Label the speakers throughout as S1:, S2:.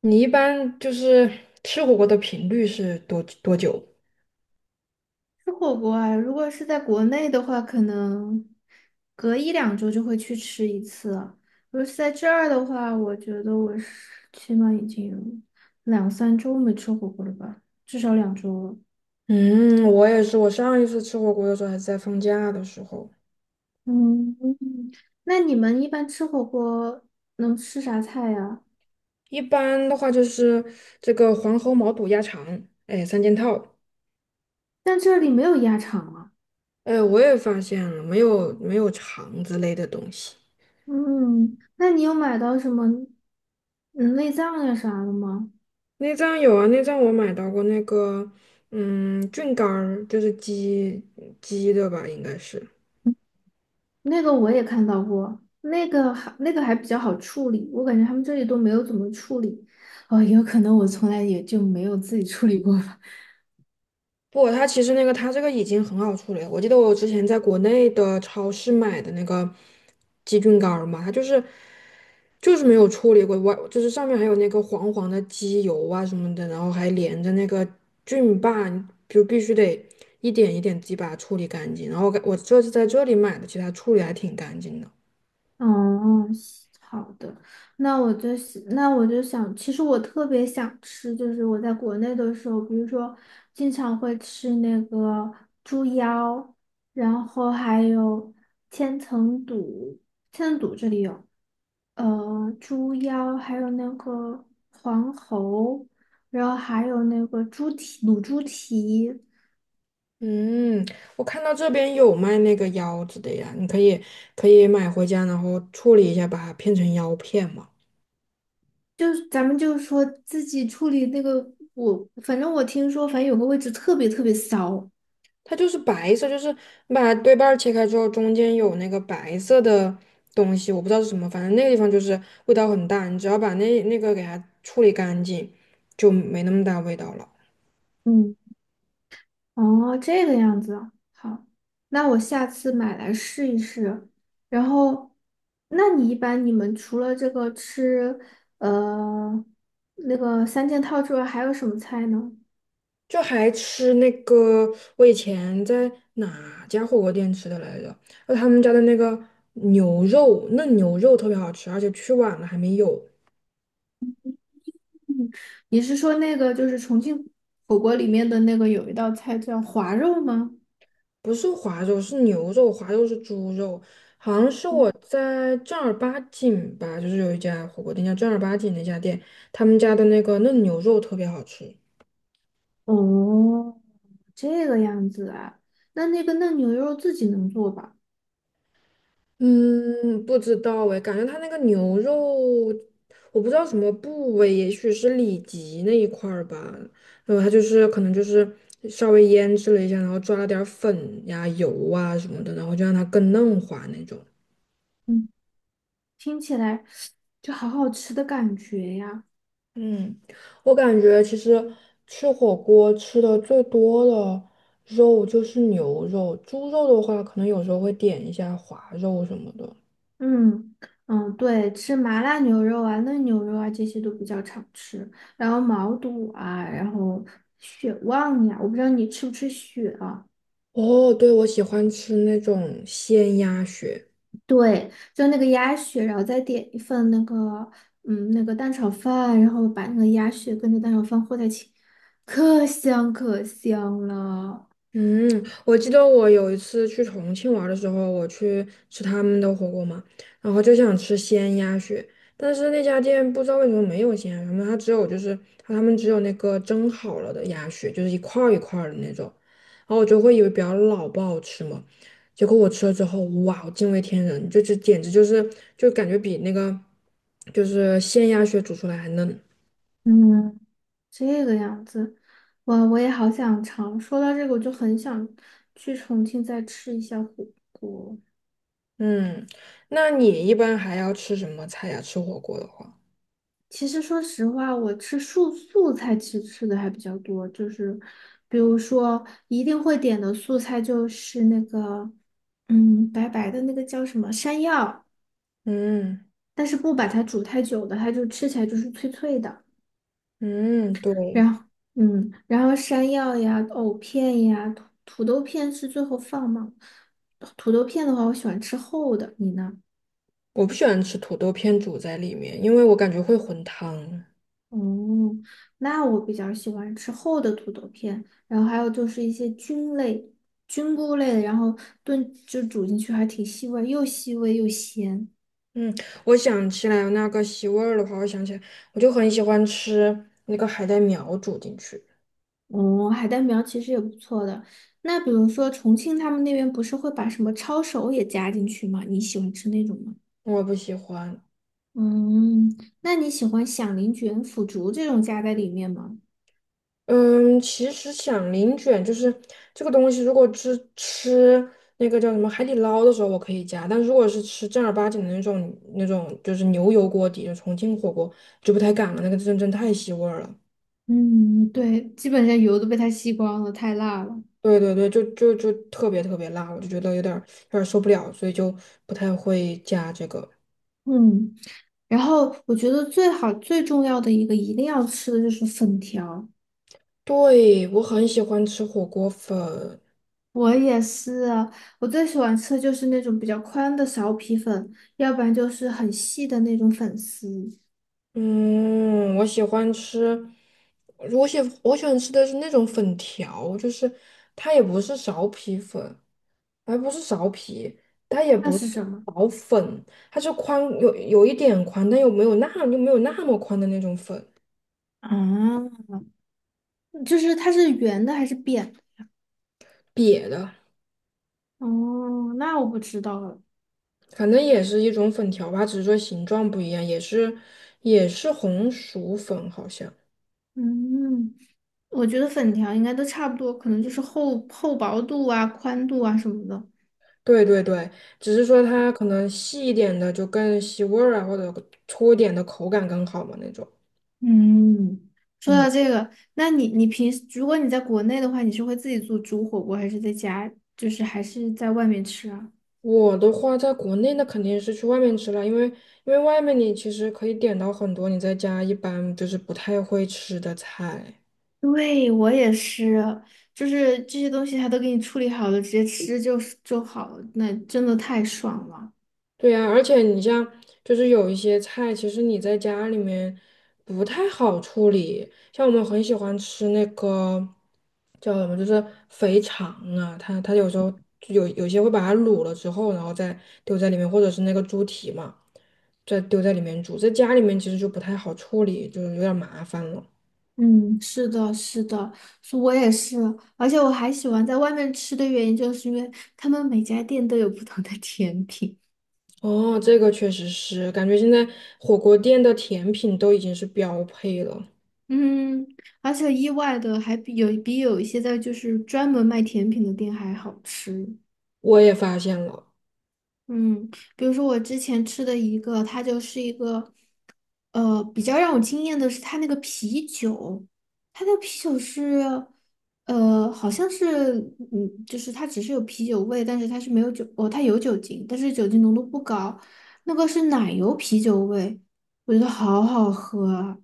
S1: 你一般就是吃火锅的频率是多多久？
S2: 吃火锅啊，如果是在国内的话，可能隔一两周就会去吃一次。如果是在这儿的话，我觉得我是起码已经有两三周没吃火锅了吧，至少两周了。
S1: 嗯，我也是。我上一次吃火锅的时候还是在放假的时候。
S2: 嗯，那你们一般吃火锅能吃啥菜呀？
S1: 一般的话就是这个黄喉毛肚鸭肠，哎，三件套。
S2: 但这里没有鸭肠啊。
S1: 哎，我也发现了，没有肠之类的东西。
S2: 嗯，那你有买到什么嗯内脏呀啥的吗？
S1: 内脏有啊，内脏我买到过那个，嗯，菌干儿，就是鸡的吧，应该是。
S2: 那个我也看到过，那个还比较好处理，我感觉他们这里都没有怎么处理。哦，有可能我从来也就没有自己处理过吧。
S1: 不，它其实那个它这个已经很好处理了。我记得我之前在国内的超市买的那个鸡菌干儿嘛，它就是没有处理过，外就是上面还有那个黄黄的鸡油啊什么的，然后还连着那个菌霸，你就必须得一点一点自己把它处理干净。然后我这次在这里买的，其实它处理还挺干净的。
S2: 哦，西好的，那我就想，其实我特别想吃，就是我在国内的时候，比如说经常会吃那个猪腰，然后还有千层肚，千层肚这里有。猪腰，还有那个黄喉，然后还有那个猪蹄、卤猪蹄，
S1: 嗯，我看到这边有卖那个腰子的呀，你可以买回家，然后处理一下，把它片成腰片嘛。
S2: 咱们就是说自己处理那个，反正我听说，反正有个位置特别特别骚。
S1: 它就是白色，就是你把对半儿切开之后，中间有那个白色的东西，我不知道是什么，反正那个地方就是味道很大。你只要把那个给它处理干净，就没那么大味道了。
S2: 嗯，哦，这个样子啊，好，那我下次买来试一试。然后，那你一般你们除了这个吃，呃，那个三件套之外，还有什么菜呢？
S1: 就还吃那个，我以前在哪家火锅店吃的来着？他们家的那个牛肉，嫩牛肉特别好吃，而且去晚了还没有。
S2: 你是说那个就是重庆火锅里面的那个有一道菜叫滑肉吗？
S1: 不是滑肉，是牛肉，滑肉是猪肉，好像是我
S2: 嗯，
S1: 在正儿八经吧，就是有一家火锅店叫正儿八经那家店，他们家的那个嫩牛肉特别好吃。
S2: 哦，这个样子啊，那那个嫩牛肉自己能做吧？
S1: 嗯，不知道哎，感觉他那个牛肉，我不知道什么部位，也许是里脊那一块儿吧。然后他可能就是稍微腌制了一下，然后抓了点儿粉呀、油啊什么的，然后就让它更嫩滑那种。
S2: 嗯，听起来就好好吃的感觉呀。
S1: 嗯，我感觉其实吃火锅吃的最多的肉就是牛肉，猪肉的话可能有时候会点一下滑肉什么的。
S2: 嗯嗯，对，吃麻辣牛肉啊、嫩牛肉啊这些都比较常吃，然后毛肚啊，然后血旺呀，我不知道你吃不吃血啊。
S1: 哦，对，我喜欢吃那种鲜鸭血。
S2: 对，就那个鸭血，然后再点一份那个，嗯，那个蛋炒饭，然后把那个鸭血跟着蛋炒饭和在一起，可香可香了。
S1: 嗯，我记得我有一次去重庆玩儿的时候，我去吃他们的火锅嘛，然后就想吃鲜鸭血，但是那家店不知道为什么没有鲜鸭血，它只有他们只有那个蒸好了的鸭血，就是一块儿一块儿的那种，然后我就会以为比较老不好吃嘛，结果我吃了之后，哇，我惊为天人，这简直就感觉比那个就是鲜鸭血煮出来还嫩。
S2: 嗯，这个样子，哇，我也好想尝。说到这个，我就很想去重庆再吃一下火锅。
S1: 嗯，那你一般还要吃什么菜呀？吃火锅的话，
S2: 其实说实话，我吃素菜其实吃的还比较多，就是比如说一定会点的素菜就是那个，嗯，白白的那个叫什么山药。
S1: 嗯。
S2: 但是不把它煮太久的，它就吃起来就是脆脆的。
S1: 嗯，对，
S2: 然后，嗯，然后山药呀、藕片呀、土豆片是最后放吗？土豆片的话，我喜欢吃厚的，你呢？
S1: 我不喜欢吃土豆片煮在里面，因为我感觉会混汤。
S2: 哦，那我比较喜欢吃厚的土豆片，然后还有就是一些菌类、菌菇类的，然后煮进去还挺吸味，又吸味又咸。
S1: 嗯，我想起来那个吸味儿的话，我想起来，我就很喜欢吃那个海带苗煮进去，
S2: 哦，海带苗其实也不错的。那比如说重庆他们那边不是会把什么抄手也加进去吗？你喜欢吃那种吗？
S1: 我不喜欢。
S2: 嗯，那你喜欢响铃卷、腐竹这种加在里面吗？
S1: 嗯，其实响铃卷就是这个东西，如果是吃那个叫什么海底捞的时候，我可以加，但如果是吃正儿八经的那种就是牛油锅底的重庆火锅，就不太敢了，那个真真太吸味儿了。
S2: 嗯，对，基本上油都被它吸光了，太辣了。
S1: 对对对，就特别特别辣，我就觉得有点儿受不了，所以就不太会加这个。
S2: 嗯，然后我觉得最好最重要的一个一定要吃的就是粉条。
S1: 对，我很喜欢吃火锅粉，
S2: 我也是啊，我最喜欢吃的就是那种比较宽的苕皮粉，要不然就是很细的那种粉丝。
S1: 嗯，我喜欢吃，我喜欢吃的是那种粉条，就是它也不是苕皮粉，还不是苕皮，它也
S2: 那
S1: 不是
S2: 是什么？
S1: 苕粉，它是宽有一点宽，但又没有那么宽的那种粉，
S2: 啊，就是它是圆的还是扁的？
S1: 瘪的。
S2: 哦，那我不知道了。
S1: 反正也是一种粉条吧，只是说形状不一样，也是红薯粉，好像。
S2: 嗯，我觉得粉条应该都差不多，可能就是厚薄度啊、宽度啊什么的。
S1: 对对对，只是说它可能细一点的就更吸味儿啊，或者粗一点的口感更好嘛那种。
S2: 嗯，说
S1: 嗯，
S2: 到这个，那你平时如果你在国内的话，你是会自己做煮火锅，还是在家，就是还是在外面吃啊？
S1: 我的话在国内那肯定是去外面吃了，因为因为外面你其实可以点到很多你在家一般就是不太会吃的菜。
S2: 对，我也是，就是这些东西他都给你处理好了，直接吃就好了，那真的太爽了。
S1: 对呀，而且你像就是有一些菜，其实你在家里面不太好处理。像我们很喜欢吃那个叫什么，就是肥肠啊，它有时候就有些会把它卤了之后，然后再丢在里面，或者是那个猪蹄嘛，再丢在里面煮。在家里面其实就不太好处理，就是有点儿麻烦了。
S2: 嗯，是的，是的，是我也是，而且我还喜欢在外面吃的原因，就是因为他们每家店都有不同的甜品，
S1: 哦，这个确实是，感觉现在火锅店的甜品都已经是标配了，
S2: 嗯，而且意外的还比有一些在就是专门卖甜品的店还好吃。
S1: 我也发现了。
S2: 嗯，比如说我之前吃的一个，它就是一个，比较让我惊艳的是它那个啤酒，它那个啤酒是，好像是，嗯，就是它只是有啤酒味，但是它是没有酒，哦，它有酒精，但是酒精浓度不高，那个是奶油啤酒味，我觉得好好喝啊。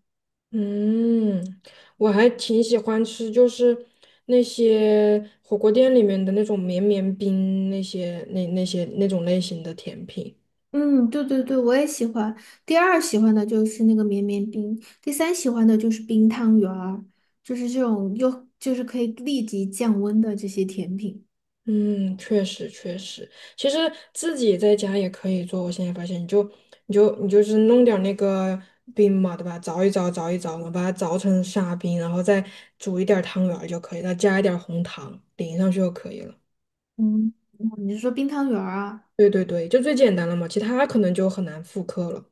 S1: 嗯，我还挺喜欢吃，就是那些火锅店里面的那种绵绵冰，那些那种类型的甜品。
S2: 嗯，对对对我也喜欢。第二喜欢的就是那个绵绵冰，第三喜欢的就是冰汤圆儿，就是这种又就是可以立即降温的这些甜品。
S1: 嗯，确实确实，其实自己在家也可以做。我现在发现，你就是弄点儿那个冰嘛，对吧？凿一凿嘛，把它凿成沙冰，然后再煮一点儿汤圆儿就可以了，加一点儿红糖淋上去就可以了。
S2: 嗯，哦你是说冰汤圆儿啊？
S1: 对对对，就最简单了嘛，其他可能就很难复刻了。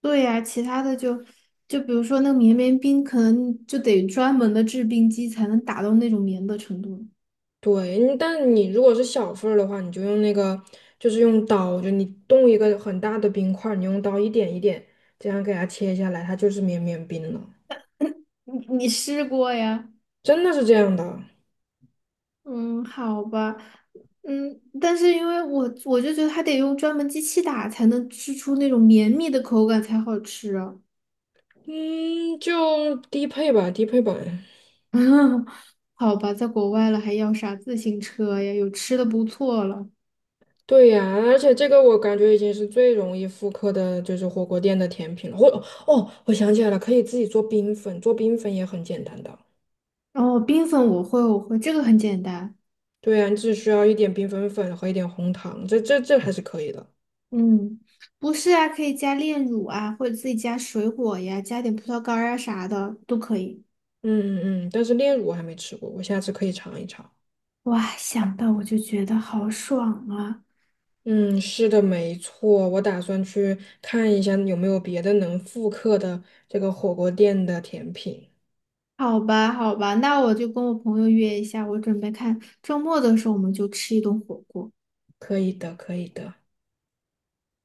S2: 对呀，其他的就就比如说那个绵绵冰，可能就得专门的制冰机才能达到那种绵的程度。
S1: 对，你但你如果是小份儿的话，你就用那个，就是用刀，就你冻一个很大的冰块儿，你用刀一点一点这样给它切下来，它就是绵绵冰了，
S2: 你试过呀？
S1: 真的是这样的。
S2: 嗯，好吧，嗯，但是因为我就觉得它得用专门机器打才能吃出那种绵密的口感才好吃啊。
S1: 嗯，就低配吧，低配版。
S2: 好吧，在国外了还要啥自行车呀？有吃的不错了。
S1: 对呀，而且这个我感觉已经是最容易复刻的，就是火锅店的甜品了。哦，我想起来了，可以自己做冰粉，做冰粉也很简单的。
S2: 然后冰粉我会，我会，这个很简单。
S1: 对呀，你只需要一点冰粉粉和一点红糖，这还是可以的。
S2: 嗯，不是啊，可以加炼乳啊，或者自己加水果呀，加点葡萄干儿啊啥的都可以。
S1: 嗯嗯嗯，但是炼乳我还没吃过，我下次可以尝一尝。
S2: 哇，想到我就觉得好爽啊！
S1: 嗯，是的，没错，我打算去看一下有没有别的能复刻的这个火锅店的甜品。
S2: 好吧，好吧，那我就跟我朋友约一下，我准备看周末的时候我们就吃一顿火锅。
S1: 可以的，可以的。